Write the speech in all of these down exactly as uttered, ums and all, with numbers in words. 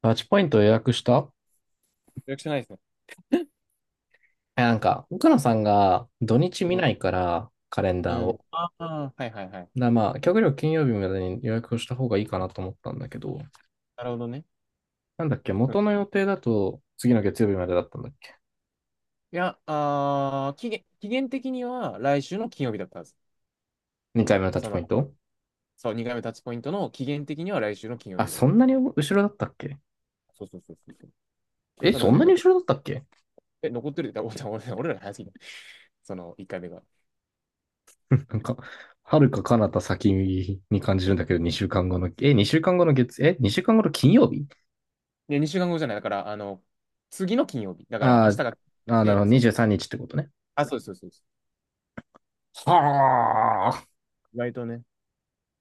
タッチポイント予約した？予約してないですね。え、なんか、奥野さんが土日見うん。ないから、カレンうダーを。ん。ああ、はいはいはい。だ、まあ、極力金曜日までに予約をした方がいいかなと思ったんだけど、なるほどね。なんだっけ、うん。元の予定だと次の月曜日までだったんだっけ いや、あー期限、期限的には来週の金曜日だったはず。?に 回目のタッそチポの、イント？そう、にかいめタッチポイントの期限的には来週の金曜あ、日だっそたはんず。なに後ろだったっけ？そうそうそうそうそう。え、多そ分んね、なに残、後ろだったっけ？ え、残ってるって言ったら、俺、俺ら早すぎた。そのいっかいめが。なんか、はるか彼方先に感じるんだけど、にしゅうかんごの、え、2週間後の月、え、にしゅうかんごの金曜日？で、にしゅうかんごじゃない。だから、あの、次の金曜日。だから、あ明日ーが、あー、なるほど、で、そう。にじゅうさんにちってことね。あ、そうそうそうそはあ、う。意外とね。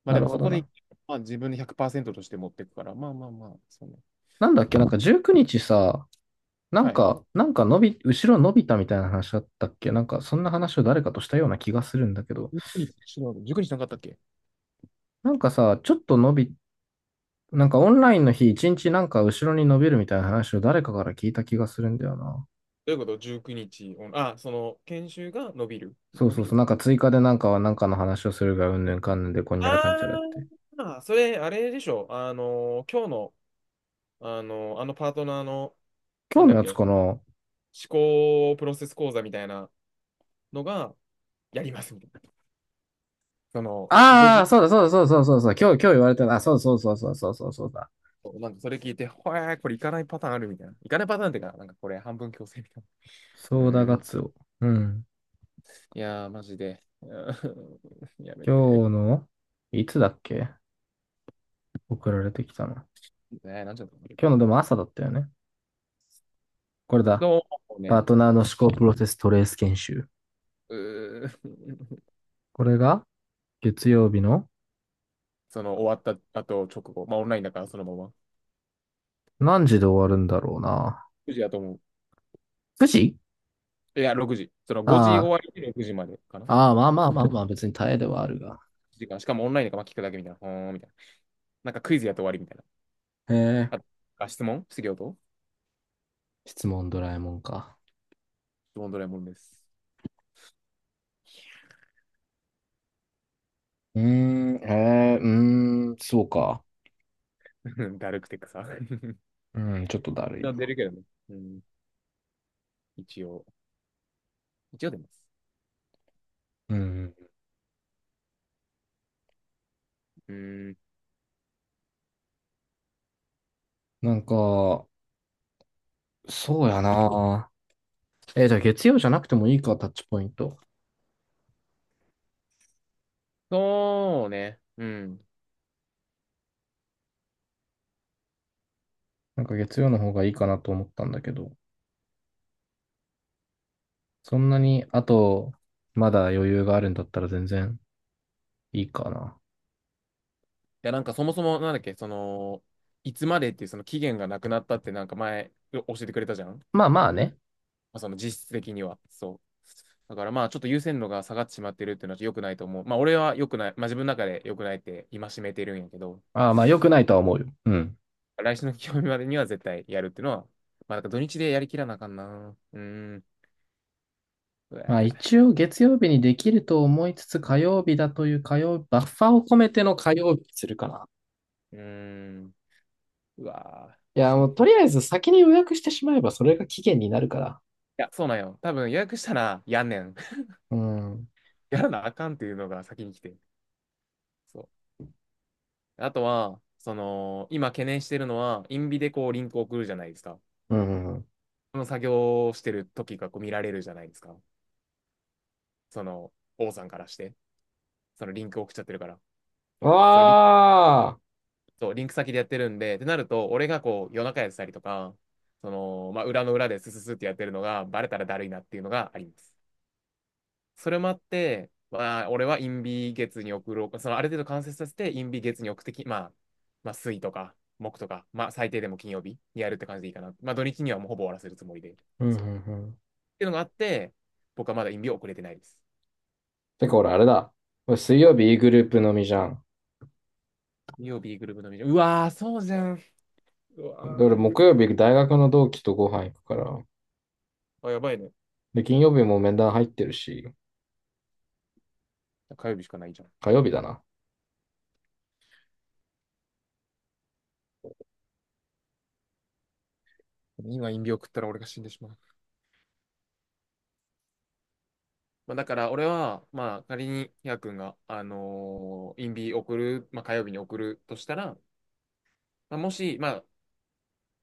まあなでるも、ほそどこで、な。まあ自分でひゃくパーセントとして持っていくから、まあまあまあ、そうね。なんだっけ、なんかじゅうくにちさ、なんはい。か、なんか伸び、後ろ伸びたみたいな話だったっけ？なんか、そんな話を誰かとしたような気がするんだけど、いちに日、しろいちに日なかったっけ？なんかさ、ちょっと伸び、なんかオンラインの日一日なんか後ろに伸びるみたいな話を誰かから聞いた気がするんだよな。どういうこと？ じゅうくにち 日オン、あ、その、研修が伸びる。そう伸そびうそう、る。なんか追加でなんかはなんかの話をするがうんぬんかんぬんでこんにゃらかんちゃらっあて。あー、それ、あれでしょ。あの、今日の、あの、あのパートナーの、今なん日だのっやつけ、かな？思考プロセス講座みたいなのが、やりますみたいな。その、5ああー、時、そうだそうだそうだそうだそうだ、今日、今日言われたな、あそうそうそうそうそうそうそうだ。なんかそれ聞いて、ほえー、これ行かないパターンあるみたいな。行かないパターンっていうか、なんかこれ半分強制みたいな。うそうだーガん。ツオ。うん。いやー、マジで。うーんやめて。今日の、いつだっけ？送られてきたな。ねえ、なんちゃったの？今日のでも朝だったよね。これだ。そうパーね。トナーの思考プロセストレース研修。うーん。これが月曜日のその終わった後直後、まあオンラインだからそのまま。何時で終わるんだろうな。くじだと思う。くじ？いや、ろくじ。そのごじあ終わりでろくじまでかな。あ、ああ、まあまあまあまあ、別に耐えではあるが。時間。しかもオンラインだからまあ聞くだけみたいな。ほーんみたいな。なんかクイズやって終わりみたいな。へえ、あ、質問質疑と質問ドラえもんか？質問ドラえもんです。うーん、へえ、うーん、そうか。だるくて草。うん、ちょっとだるい出な。るけどね。うん。一応。一応出ます。うん。うん。なんか、そうやな。えーじゃあ月曜じゃなくてもいいか、タッチポイント。そうね。うん。いなんか月曜の方がいいかなと思ったんだけど。そんなに、あと、まだ余裕があるんだったら全然いいかな。や、なんかそもそもなんだっけ、その、いつまでっていうその期限がなくなったってなんか前教えてくれたじゃん。まあまあね。その実質的には。そう。だからまあちょっと優先度が下がってしまってるっていうのは良くないと思う。まあ俺は良くない、まあ自分の中で良くないって戒めてるんやけど、ああまあ良くないとは思うよ。うん。来週の金曜日までには絶対やるっていうのは、まあなんか土日でやりきらなあかんな。うーん。うまあわ一応月曜日にできると思いつつ火曜日だという火曜、バッファーを込めての火曜日にするかな。ー。うーん。うわー、い明や、日ものうと金。りあえず先に予約してしまえばそれが期限になるから。いや、そうなんよ。多分予約したらやんねん。うん。うん やらなあかんっていうのが先に来て。そう。あとは、その、今懸念してるのは、インビでこうリンク送るじゃないですか。うんその作業をしてる時がこう見られるじゃないですか。その、王さんからして、そのリンク送っちゃってるから。うん。そのリンああ。そうリンク先でやってるんで、ってなると、俺がこう、夜中やってたりとか、その、まあ、裏の裏でスススってやってるのが、バレたらだるいなっていうのがあります。それもあって、まあ、俺はインビ月に送ろう。その、ある程度完成させて、インビ月に送ってき、まあ、まあ、水とか、木とか、まあ、最低でも金曜日にやるって感じでいいかな。まあ、土日にはもうほぼ終わらせるつもりで。うんうんそう。っうん。ていうのがあって、僕はまだインビを送れてないです。てか俺あれだ。俺水曜日 E グループのみじゃん。金曜日グループのミーティング、うわー、そうじゃん。うでわ俺ー、木曜日大学の同期とご飯行くから。あ、やばいね。で、金曜日も面談入ってるし。火曜日しかないじゃん。火曜日だな。今、陰病食ったら俺が死んでしまう。まあ、だから俺は、まあ、仮にヒヤ君が、あのー、インビ送る、まあ、火曜日に送るとしたら、まあ、もし、まあ、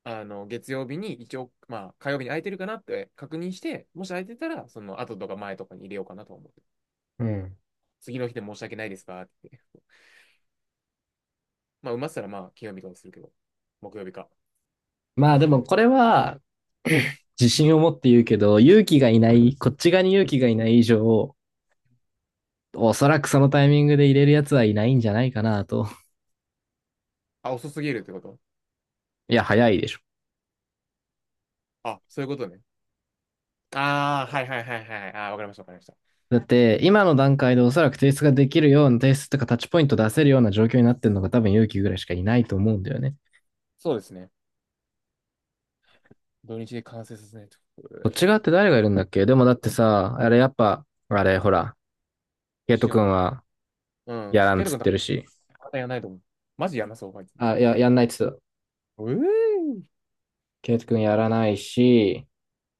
あの月曜日に一応、まあ、火曜日に空いてるかなって確認して、もし空いてたら、その後とか前とかに入れようかなと思って。うん。次の日で申し訳ないですかって？ まあ、埋まってたら、まあ、金曜日とかするけど、木曜日か。まあ、あ木で曜日もね。これはうん。自信を持って言うけど、勇気がいない、こっち側に勇気がいない以上、おそらくそのタイミングで入れるやつはいないんじゃないかなと。あ、遅すぎるってこと？いや、早いでしょ。あ、そういうことね。ああ、はいはいはいはい。あーわかりました、わかりました。だって、今の段階でおそらく提出ができるような、提出とかタッチポイント出せるような状況になってるのが多分勇気ぐらいしかいないと思うんだよね。そうですね。土日で完成させないと。こっちえ側っーて誰がいるんだっけ？でもだってさ、あれやっぱ、あれほら、ケイトしようと君思って。はうん。やらんっケイトつっ君てとるし。またやらないと思う。マジやんなそう、あいつ。あ、いえや、やんないっつってた。えー、ケイト君やらないし、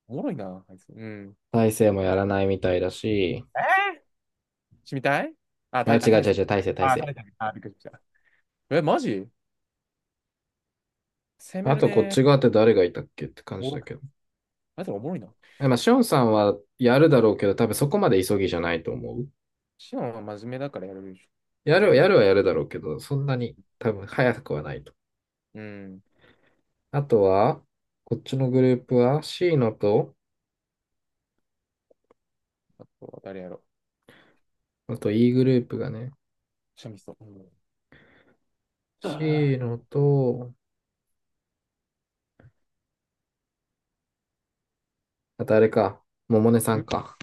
おもろいな、あいつ。うん。大勢もやらないみたいだし、えーしみたい。あ、あ、た違うい、あ、大違う勢。違う、大勢、大あ、勢。大勢。あ、びっくりした。え、マジ攻めあるとこっね。ち側って誰がいたっけって感おもじろだくけて。ど。あいつらおもろいな。えまあ、シオンさんはやるだろうけど、多分そこまで急ぎじゃないと思う。シオンは真面目だからやれるでしょ。やうる、やるん。はやるだろうけど、そんなに多分早くはないと。うん。あとは、こっちのグループは C のと、あとは誰やろう。あと E グループがね、シャミスト。うん。あ シー のと、あとあれか、ももねさー、んんか。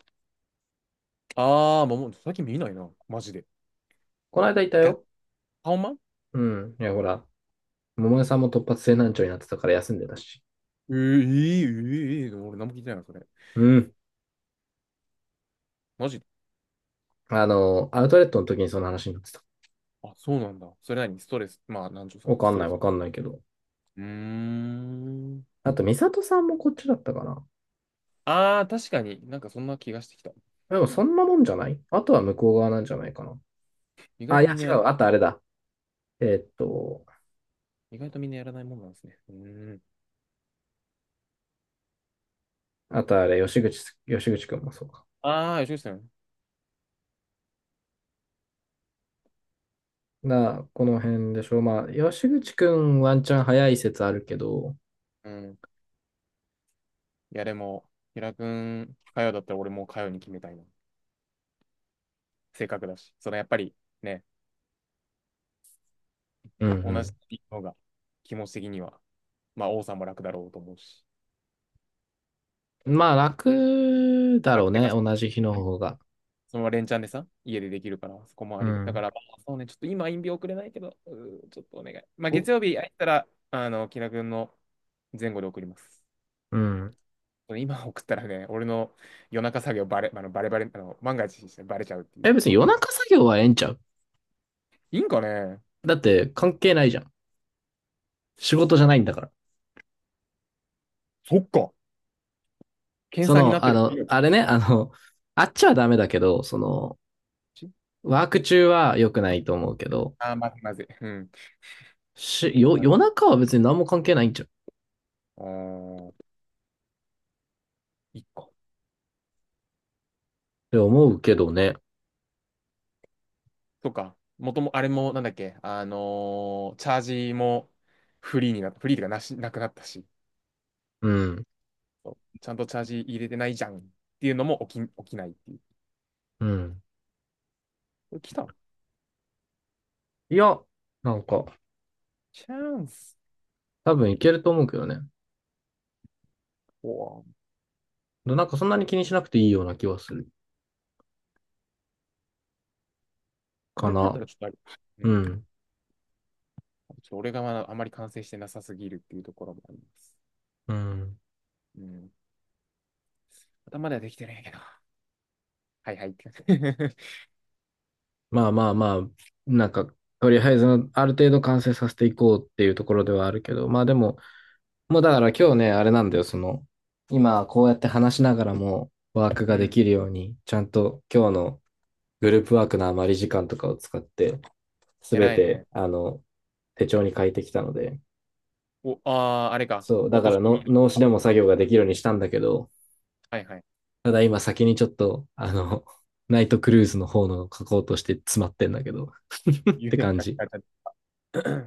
あー、もう最近見ないな。マジで。この間いたガッ、よ。ハオマン。うん。いや、ほら、ももねさんも突発性難聴になってたから休んでたし。えー、えー、えーえー俺何も聞いてないな、それ。うん。マジ。あの、アウトレットの時にその話になってた。あ、そうなんだ。それ何ストレス。まあ、なんちゅうわか、かスんトなレい、ス。わかんないけど。うーん。あと、美里さんもこっちだったかな。ああ、確かになんかそんな気がしてきた。でも、そんなもんじゃない。あとは向こう側なんじゃないかな。意外あ、いとや、みんな違やら、う。あとあれだ。えーっと、意外とみんなやらないもんなんですね。うーん。あとあれ、吉口、吉口くんもそうか。ああ、吉口さん。な、この辺でしょう。まあ、吉口くんワンチャン早い説あるけど、うん。いや、でも、平くん、かよだったら俺もうかよに決めたいな。性格だし。そのやっぱりね、う同じんのが気持ち的には、まあ、王さんも楽だろうと思うし。うん。まあ、楽だろう楽てね。か、同じ日のうん、方が。そのまま連チャンでさ、家でできるから、そこもあうりがだかん。ら、まあそうね、ちょっと今、陰病送れないけど、うーちょっとお願い。まあ、月曜日空いたら、あの、木田君の前後で送ります。うん。今送ったらね、俺の夜中作業バレ、あのバレバレ、あの万が一してバレちゃうっていえ、う。別に夜中作業はええんちゃう？いいんかね。だって関係ないじゃん。仕事じゃないんだから。そっか。検そ査になっの、てある。の、あれね、あの、あっちはダメだけど、その、ワーク中は良くないと思うけど、ああー、まずいまずい。うん。し、だよ、から、夜中は別に何も関係ないんじゃんっあー一個。て思うけどね。とか、もとも、あれも、なんだっけ、あのーチャージもフリーになった。フリーとかなし、なくなったし。うん。ちゃんとチャージ入れてないじゃんっていうのも起き、起きないっていう。うん。これ来た。いや、なんか、チャンス。多分いけると思うけどね。おぉ。なんかそんなに気にしなくていいような気はするそかれだったな。らちょっとある。ううん。ん。ちょっと俺がまだあまり完成してなさすぎるっていうところもあります。うん。うん。頭ではできてるんやけど。はいはいって感じ。まあまあまあ、なんか、とりあえずある程度完成させていこうっていうところではあるけど、まあでも、もうだから今日ね、あれなんだよ、その、今こうやって話しながらもワーク うがでん。きるように、ちゃんと今日のグループワークの余り時間とかを使って、すべ偉いて、ね。あの、手帳に書いてきたので、お、ああ、あれか。そう、だ落かとらし込の、み。脳死でも作業ができるようにしたんだけど、はいはい。ただ今先にちょっと、あの、ナイトクルーズの方の書こうとして詰まってんだけど、っ言うてても感じ。書かれた